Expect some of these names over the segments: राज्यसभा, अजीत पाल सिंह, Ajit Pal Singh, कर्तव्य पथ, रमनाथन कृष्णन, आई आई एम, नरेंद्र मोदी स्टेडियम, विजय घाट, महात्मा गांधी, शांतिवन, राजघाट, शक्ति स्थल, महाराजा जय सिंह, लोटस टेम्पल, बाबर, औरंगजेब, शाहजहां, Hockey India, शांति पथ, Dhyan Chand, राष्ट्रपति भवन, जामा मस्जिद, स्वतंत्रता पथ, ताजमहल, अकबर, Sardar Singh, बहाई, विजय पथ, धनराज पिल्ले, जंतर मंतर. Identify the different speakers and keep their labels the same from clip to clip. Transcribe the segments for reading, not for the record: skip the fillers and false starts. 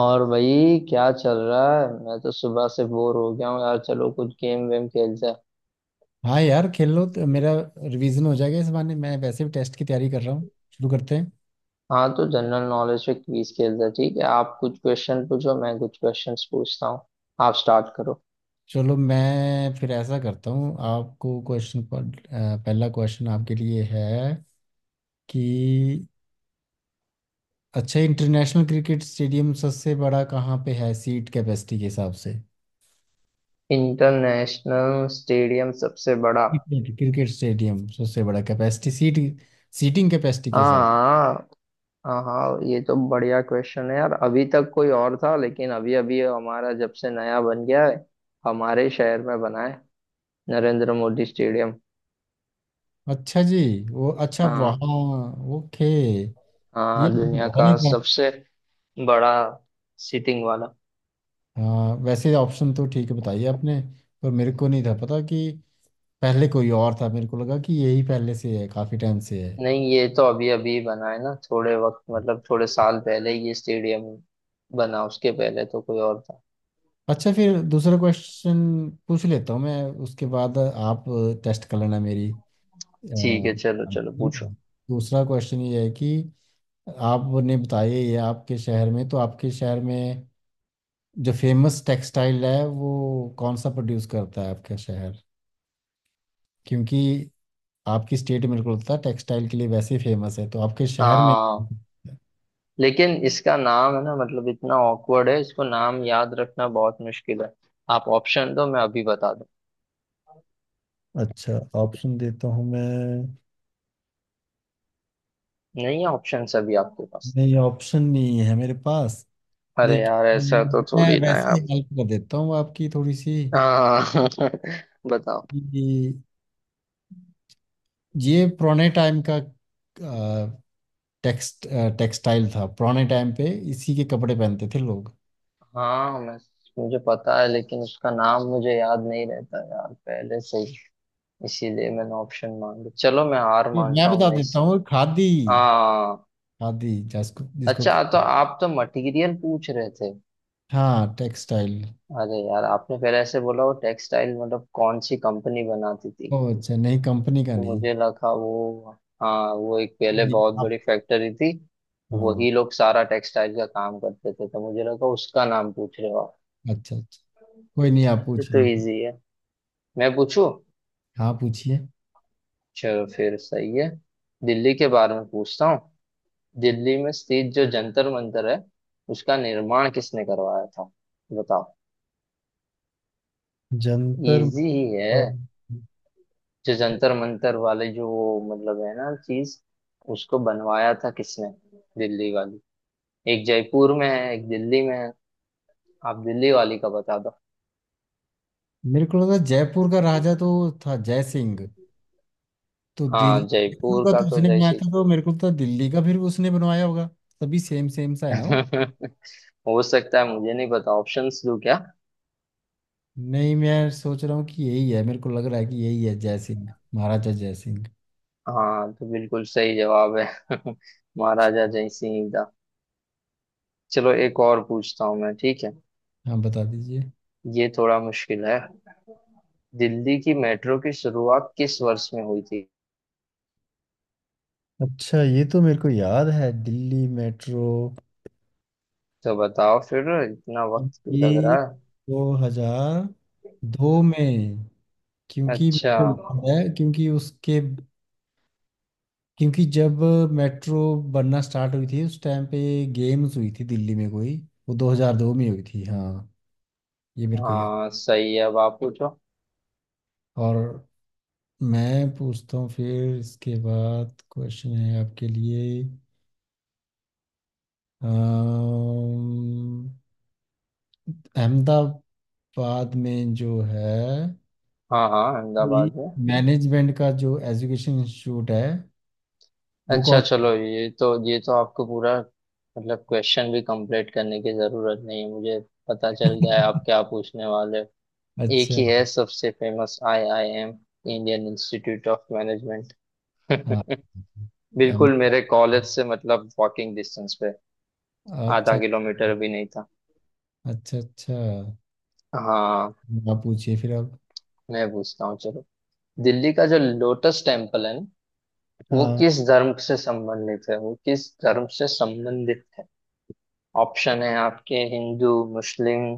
Speaker 1: और भाई क्या चल रहा है? मैं तो सुबह से बोर हो गया हूँ यार। चलो कुछ गेम वेम खेलते हैं।
Speaker 2: हाँ यार, खेल लो तो मेरा रिवीजन हो जाएगा इस बहाने। मैं वैसे भी टेस्ट की तैयारी कर रहा हूँ। शुरू करते हैं।
Speaker 1: हाँ तो जनरल नॉलेज पे क्विज खेलते हैं। ठीक है, आप कुछ क्वेश्चन पूछो मैं कुछ क्वेश्चंस पूछता हूँ। आप स्टार्ट करो।
Speaker 2: चलो, मैं फिर ऐसा करता हूँ, आपको क्वेश्चन, पहला क्वेश्चन आपके लिए है कि अच्छा, इंटरनेशनल क्रिकेट स्टेडियम सबसे बड़ा कहाँ पे है सीट कैपेसिटी के हिसाब से?
Speaker 1: इंटरनेशनल स्टेडियम सबसे बड़ा।
Speaker 2: क्रिकेट क्रिकेट स्टेडियम सबसे बड़ा, कैपेसिटी, सीट, सीटिंग कैपेसिटी के हिसाब।
Speaker 1: हाँ हाँ हाँ, ये तो बढ़िया क्वेश्चन है यार। अभी तक कोई और था लेकिन अभी अभी हमारा जब से नया बन गया है। हमारे शहर में बना है। नरेंद्र मोदी स्टेडियम।
Speaker 2: अच्छा जी। वो अच्छा,
Speaker 1: हाँ।
Speaker 2: वहाँ। ओके। ये
Speaker 1: हाँ,
Speaker 2: मुझे
Speaker 1: दुनिया
Speaker 2: पता
Speaker 1: का
Speaker 2: नहीं।
Speaker 1: सबसे बड़ा सीटिंग वाला।
Speaker 2: हाँ, वैसे ऑप्शन तो ठीक बताइए आपने, पर मेरे को नहीं था पता कि पहले कोई और था। मेरे को लगा कि यही पहले से है, काफ़ी टाइम से है।
Speaker 1: नहीं ये तो अभी अभी बना है ना। थोड़े वक्त, मतलब थोड़े साल पहले ही ये स्टेडियम बना। उसके पहले तो कोई और था।
Speaker 2: अच्छा, फिर दूसरा क्वेश्चन पूछ लेता हूँ मैं, उसके बाद आप टेस्ट कर लेना मेरी।
Speaker 1: ठीक है,
Speaker 2: अ,
Speaker 1: चलो चलो पूछो।
Speaker 2: दूसरा क्वेश्चन ये है कि आपने बताया ये आपके शहर में, तो आपके शहर में जो फेमस टेक्सटाइल है वो कौन सा प्रोड्यूस करता है आपका शहर? क्योंकि आपकी स्टेट मेरे को लगता है टेक्सटाइल के लिए वैसे ही फेमस है, तो आपके शहर में।
Speaker 1: हाँ लेकिन इसका नाम है ना, मतलब इतना ऑकवर्ड है, इसको नाम याद रखना बहुत मुश्किल है। आप ऑप्शन दो मैं अभी बता दूं।
Speaker 2: अच्छा, ऑप्शन देता हूँ मैं।
Speaker 1: नहीं है ऑप्शन अभी आपके पास?
Speaker 2: नहीं, ऑप्शन नहीं है मेरे पास,
Speaker 1: अरे यार ऐसा तो
Speaker 2: लेकिन मैं
Speaker 1: थोड़ी ना है
Speaker 2: वैसे
Speaker 1: आप।
Speaker 2: हेल्प कर देता हूँ आपकी थोड़ी सी
Speaker 1: हाँ बताओ।
Speaker 2: कि ये पुराने टाइम का टेक्स्ट टेक्सटाइल था, पुराने टाइम पे इसी के कपड़े पहनते थे लोग।
Speaker 1: हाँ मैं मुझे पता है लेकिन उसका नाम मुझे याद नहीं रहता यार पहले से। इसीलिए मैंने ऑप्शन मांगे। चलो मैं हार
Speaker 2: ये मैं
Speaker 1: मानता हूँ
Speaker 2: बता
Speaker 1: मैं
Speaker 2: देता
Speaker 1: इस।
Speaker 2: हूँ, खादी।
Speaker 1: हाँ।
Speaker 2: खादी, जिसको जिसको
Speaker 1: अच्छा, तो आप तो मटेरियल पूछ रहे थे?
Speaker 2: हाँ, टेक्सटाइल।
Speaker 1: अरे यार आपने पहले ऐसे बोला, वो टेक्सटाइल मतलब कौन सी कंपनी बनाती थी,
Speaker 2: ओ अच्छा, नहीं, कंपनी का
Speaker 1: तो
Speaker 2: नहीं।
Speaker 1: मुझे लगा वो। हाँ वो एक पहले
Speaker 2: ये
Speaker 1: बहुत
Speaker 2: आप।
Speaker 1: बड़ी फैक्ट्री थी।
Speaker 2: हाँ,
Speaker 1: वही लोग सारा टेक्सटाइल का काम करते थे तो मुझे लगा उसका नाम पूछ रहे हो आप।
Speaker 2: अच्छा अच्छा। कोई नहीं, आप
Speaker 1: अरे तो
Speaker 2: पूछिए।
Speaker 1: इजी है। मैं पूछू?
Speaker 2: हाँ, पूछिए।
Speaker 1: चलो फिर सही है। दिल्ली के बारे में पूछता हूँ। दिल्ली में स्थित जो जंतर मंतर है उसका निर्माण किसने करवाया था? बताओ।
Speaker 2: जंतर
Speaker 1: इजी ही है।
Speaker 2: मंतर।
Speaker 1: जो जंतर मंतर वाले जो वो मतलब है ना चीज, उसको बनवाया था किसने? दिल्ली वाली। एक जयपुर में है एक दिल्ली में है। आप दिल्ली वाली का बता दो।
Speaker 2: मेरे को लगा जयपुर का राजा तो था जय सिंह, तो दिल।
Speaker 1: हाँ
Speaker 2: जयपुर
Speaker 1: जयपुर
Speaker 2: का
Speaker 1: का
Speaker 2: तो
Speaker 1: तो
Speaker 2: उसने
Speaker 1: जय
Speaker 2: बनाया
Speaker 1: श्री
Speaker 2: था,
Speaker 1: राम।
Speaker 2: तो मेरे को तो दिल्ली का फिर उसने बनवाया होगा। सभी सेम सेम सा है ना वो?
Speaker 1: हो सकता है मुझे नहीं पता। ऑप्शंस दूं क्या?
Speaker 2: नहीं, मैं सोच रहा हूँ कि यही है। मेरे को लग रहा है कि यही है, जय सिंह, महाराजा जय सिंह।
Speaker 1: हाँ तो बिल्कुल सही जवाब है। महाराजा जय सिंह का। चलो एक और पूछता हूँ मैं, ठीक है?
Speaker 2: हाँ, बता दीजिए।
Speaker 1: ये थोड़ा मुश्किल है। दिल्ली की मेट्रो की शुरुआत किस वर्ष में हुई थी?
Speaker 2: अच्छा, ये तो मेरे को याद है, दिल्ली मेट्रो।
Speaker 1: तो बताओ फिर, इतना वक्त क्यों लग
Speaker 2: ये
Speaker 1: रहा
Speaker 2: 2002 में,
Speaker 1: है?
Speaker 2: क्योंकि मेरे
Speaker 1: अच्छा।
Speaker 2: को याद है, क्योंकि उसके, क्योंकि जब मेट्रो बनना स्टार्ट हुई थी उस टाइम पे, गेम्स हुई थी दिल्ली में कोई, वो 2002 में हुई थी। हाँ, ये मेरे को याद।
Speaker 1: हाँ सही है, अब आप पूछो।
Speaker 2: और मैं पूछता हूँ फिर, इसके बाद क्वेश्चन है आपके लिए। अम्म, अहमदाबाद में जो है,
Speaker 1: हाँ हाँ अहमदाबाद में।
Speaker 2: मैनेजमेंट का जो एजुकेशन इंस्टीट्यूट है, वो
Speaker 1: अच्छा
Speaker 2: कौन सा
Speaker 1: चलो, ये तो आपको पूरा, मतलब क्वेश्चन भी कंप्लीट करने की जरूरत नहीं है। मुझे पता चल गया है आप क्या पूछने वाले हो।
Speaker 2: है?
Speaker 1: एक ही है
Speaker 2: अच्छा।
Speaker 1: सबसे famous आई आई एम। Indian Institute of Management.
Speaker 2: हाँ,
Speaker 1: बिल्कुल,
Speaker 2: अहमदाबाद।
Speaker 1: मेरे कॉलेज से मतलब वॉकिंग डिस्टेंस पे। आधा
Speaker 2: अच्छा
Speaker 1: किलोमीटर भी नहीं था।
Speaker 2: अच्छा। अच्छा,
Speaker 1: हाँ,
Speaker 2: आप पूछिए फिर अब।
Speaker 1: मैं पूछता हूँ चलो। दिल्ली का जो लोटस टेम्पल है ना, वो
Speaker 2: हाँ।
Speaker 1: किस धर्म से संबंधित है? वो किस धर्म से संबंधित है? ऑप्शन है आपके हिंदू, मुस्लिम,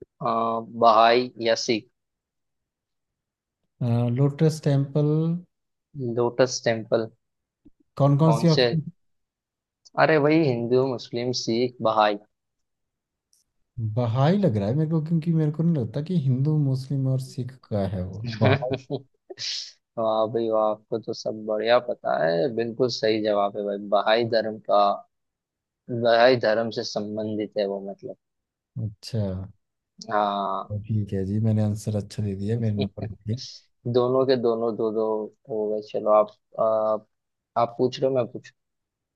Speaker 1: बहाई या Sikh.
Speaker 2: लोटस टेम्पल।
Speaker 1: लोटस टेम्पल।
Speaker 2: कौन कौन
Speaker 1: कौन
Speaker 2: सी
Speaker 1: से?
Speaker 2: ऑप्शन?
Speaker 1: अरे वही हिंदू, मुस्लिम, सिख, बहाई।
Speaker 2: बहाई लग रहा है मेरे को, क्योंकि मेरे को नहीं लगता कि हिंदू, मुस्लिम और सिख का है वो, बहाई।
Speaker 1: वाह भाई वाह, आपको तो सब बढ़िया पता है। बिल्कुल सही जवाब है भाई, बहाई धर्म का। बहाई धर्म से संबंधित है वो, मतलब।
Speaker 2: अच्छा।
Speaker 1: हाँ।
Speaker 2: ठीक है जी, मैंने आंसर अच्छा दे दिया मेरे नंबर पे।
Speaker 1: दोनों के दोनों दो दो हो गए। चलो आप आप पूछ लो, मैं पूछ।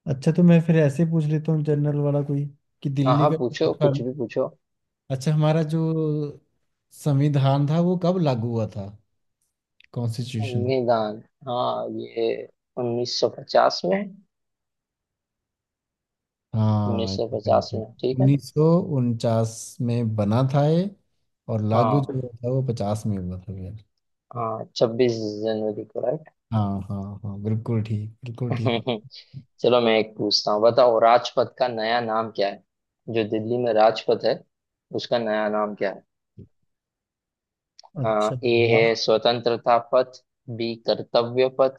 Speaker 2: अच्छा, तो मैं फिर ऐसे पूछ लेता हूँ जनरल वाला कोई कि
Speaker 1: हाँ
Speaker 2: दिल्ली
Speaker 1: हाँ
Speaker 2: का
Speaker 1: पूछो, कुछ भी पूछो।
Speaker 2: अच्छा, हमारा जो संविधान था वो कब लागू हुआ था, कॉन्स्टिट्यूशन?
Speaker 1: निदान। हाँ ये 1950 में।
Speaker 2: हाँ,
Speaker 1: 1950 में, ठीक है।
Speaker 2: 1949 में बना था ये, और लागू
Speaker 1: हाँ
Speaker 2: जो हुआ था वो 50 में हुआ था यार।
Speaker 1: हाँ छब्बीस जनवरी को, राइट।
Speaker 2: हाँ हाँ हाँ, बिल्कुल ठीक, बिल्कुल ठीक है।
Speaker 1: चलो मैं एक पूछता हूँ। बताओ राजपथ का नया नाम क्या है? जो दिल्ली में राजपथ है उसका नया नाम क्या है?
Speaker 2: अच्छा
Speaker 1: हाँ, ए
Speaker 2: यार।
Speaker 1: है स्वतंत्रता पथ, बी कर्तव्य पथ,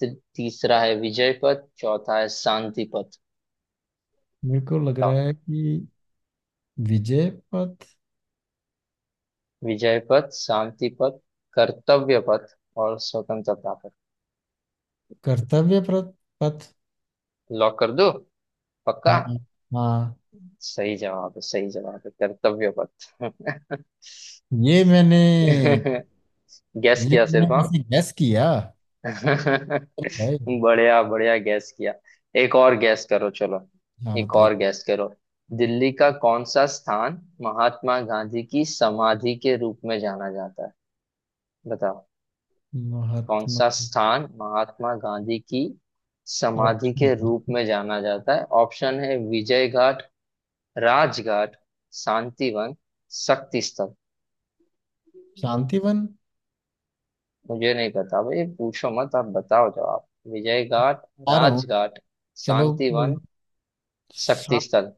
Speaker 1: तीसरा है विजय पथ, चौथा है शांति पथ।
Speaker 2: मेरे को लग रहा
Speaker 1: बताओ।
Speaker 2: है कि विजय पथ।
Speaker 1: विजय पथ, शांति पथ, कर्तव्य पथ, और स्वतंत्रता पथ।
Speaker 2: कर्तव्य प्रत- पथ।
Speaker 1: लॉक कर दो? पक्का?
Speaker 2: हाँ। हाँ,
Speaker 1: सही जवाब है, सही जवाब है, कर्तव्य पथ।
Speaker 2: ये मैंने।
Speaker 1: गैस
Speaker 2: ये
Speaker 1: किया
Speaker 2: मैंने
Speaker 1: सिर्फ, हाँ।
Speaker 2: वैसे गैस किया भाई।
Speaker 1: बढ़िया बढ़िया गैस किया। एक और गैस करो चलो।
Speaker 2: हाँ,
Speaker 1: एक
Speaker 2: बताइए।
Speaker 1: और गैस करो। दिल्ली का कौन सा स्थान महात्मा गांधी की समाधि के रूप में जाना जाता है? बताओ। कौन
Speaker 2: महात्मा।
Speaker 1: सा स्थान महात्मा गांधी की समाधि के
Speaker 2: ऑप्शन।
Speaker 1: रूप में जाना जाता है? ऑप्शन है विजय घाट, राजघाट, शांतिवन, शक्ति स्थल।
Speaker 2: शांतिवन।
Speaker 1: मुझे नहीं पता भाई, पूछो मत। आप बताओ जवाब। विजय घाट,
Speaker 2: आ रहा हूँ।
Speaker 1: राजघाट,
Speaker 2: चलो कोई नहीं।
Speaker 1: शांतिवन, शक्ति स्थल।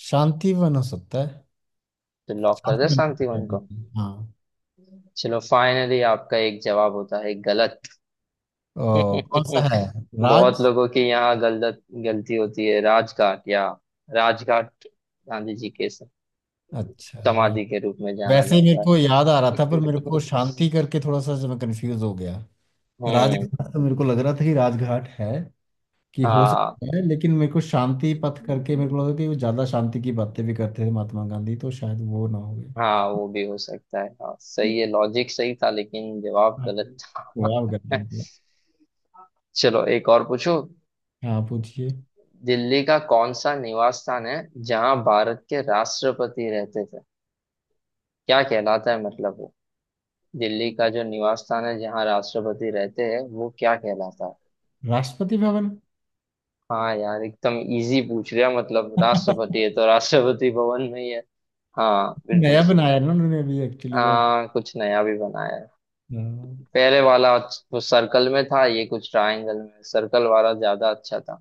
Speaker 2: शांति वन हो सकता है।
Speaker 1: तो लॉक कर
Speaker 2: शांति
Speaker 1: दे
Speaker 2: वन हो सकता
Speaker 1: शांतिवन को?
Speaker 2: है। हाँ।
Speaker 1: चलो फाइनली आपका एक जवाब होता है गलत।
Speaker 2: ओ, कौन सा है?
Speaker 1: बहुत
Speaker 2: राज।
Speaker 1: लोगों के यहाँ गलत गलती होती है। राजघाट, या राजघाट गांधी जी के
Speaker 2: अच्छा, राज।
Speaker 1: समाधि के रूप में जाना
Speaker 2: वैसे ही मेरे
Speaker 1: जाता
Speaker 2: को याद आ रहा था, पर
Speaker 1: है।
Speaker 2: मेरे को शांति करके थोड़ा सा जो मैं कंफ्यूज हो गया।
Speaker 1: हम्म।
Speaker 2: राजघाट तो मेरे को लग रहा था कि राजघाट है कि हो
Speaker 1: हाँ
Speaker 2: सकता है, लेकिन मेरे को शांति पथ करके मेरे को लगा कि वो ज्यादा शांति की बातें भी करते थे महात्मा गांधी, तो शायद वो ना हो गए।
Speaker 1: हाँ वो भी हो सकता है, हाँ सही है, लॉजिक सही था लेकिन जवाब
Speaker 2: हाँ,
Speaker 1: गलत था।
Speaker 2: वाह करके निकला।
Speaker 1: चलो एक और पूछो।
Speaker 2: हाँ, पूछिए।
Speaker 1: दिल्ली का कौन सा निवास स्थान है जहाँ भारत के राष्ट्रपति रहते थे? क्या कहलाता है, मतलब दिल्ली का जो निवास स्थान है जहाँ राष्ट्रपति रहते हैं वो क्या कहलाता है?
Speaker 2: राष्ट्रपति भवन।
Speaker 1: हाँ यार एकदम इजी पूछ लिया, मतलब राष्ट्रपति है तो राष्ट्रपति भवन में ही है। हाँ बिल्कुल
Speaker 2: नया
Speaker 1: सही।
Speaker 2: बनाया ना उन्होंने अभी एक्चुअली वो।
Speaker 1: कुछ नया भी बनाया है।
Speaker 2: हाँ।
Speaker 1: पहले वाला वो सर्कल में था, ये कुछ ट्रायंगल में। सर्कल वाला ज्यादा अच्छा था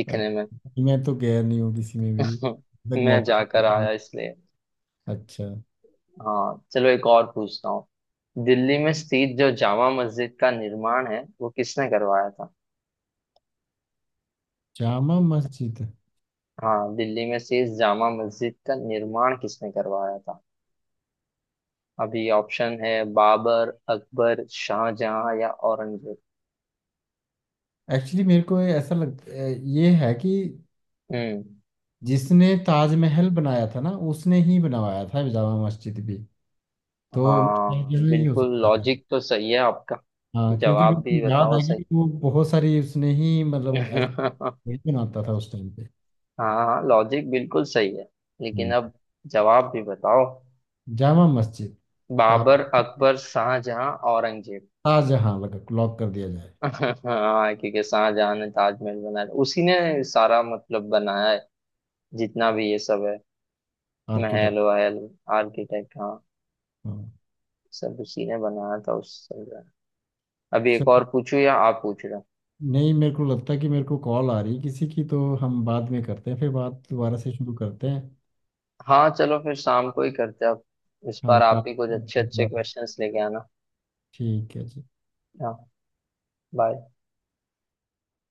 Speaker 1: दिखने
Speaker 2: अब
Speaker 1: में।
Speaker 2: मैं तो गया नहीं हूँ किसी में भी, तक
Speaker 1: मैं
Speaker 2: मौका
Speaker 1: जाकर
Speaker 2: नहीं
Speaker 1: आया इसलिए।
Speaker 2: मिला। अच्छा।
Speaker 1: हाँ चलो एक और पूछता हूँ। दिल्ली में स्थित जो जामा मस्जिद का निर्माण है वो किसने करवाया था?
Speaker 2: जामा मस्जिद।
Speaker 1: हाँ दिल्ली में शेष जामा मस्जिद का निर्माण किसने करवाया था? अभी ऑप्शन है बाबर, अकबर, शाहजहां या औरंगजेब।
Speaker 2: एक्चुअली मेरे को ये ऐसा लग, ये है कि
Speaker 1: हम्म।
Speaker 2: जिसने ताजमहल बनाया था ना, उसने ही बनवाया था जामा मस्जिद भी, तो शायद
Speaker 1: हाँ
Speaker 2: यह ही हो
Speaker 1: बिल्कुल
Speaker 2: सकता है।
Speaker 1: लॉजिक तो सही है आपका।
Speaker 2: हाँ, क्योंकि मेरे
Speaker 1: जवाब भी
Speaker 2: को याद
Speaker 1: बताओ
Speaker 2: है
Speaker 1: सही।
Speaker 2: कि वो बहुत सारी उसने ही मतलब ऐसे वही बनाता था उस टाइम पे।
Speaker 1: हाँ लॉजिक बिल्कुल सही है लेकिन
Speaker 2: हम्म।
Speaker 1: अब जवाब भी बताओ।
Speaker 2: जामा मस्जिद का।
Speaker 1: बाबर, अकबर, शाहजहां, औरंगजेब।
Speaker 2: ताजहां लग, लॉक कर दिया जाए।
Speaker 1: हाँ क्योंकि शाहजहां ने ताजमहल बनाया, उसी ने सारा मतलब बनाया है जितना भी ये सब है।
Speaker 2: आर्किटेक्ट।
Speaker 1: महल वहल। आर्किटेक्ट, हाँ,
Speaker 2: हाँ।
Speaker 1: सब उसी ने बनाया था उस समय। अभी एक और पूछूं या आप पूछ रहे हो?
Speaker 2: नहीं, मेरे को लगता है कि मेरे को कॉल आ रही है किसी की, तो हम बाद में करते हैं, फिर बात दोबारा से शुरू करते हैं।
Speaker 1: हाँ चलो फिर शाम को ही करते हैं अब। इस
Speaker 2: हाँ
Speaker 1: बार आप भी कुछ अच्छे अच्छे
Speaker 2: बात-
Speaker 1: क्वेश्चंस लेके आना।
Speaker 2: ठीक है जी।
Speaker 1: हाँ बाय।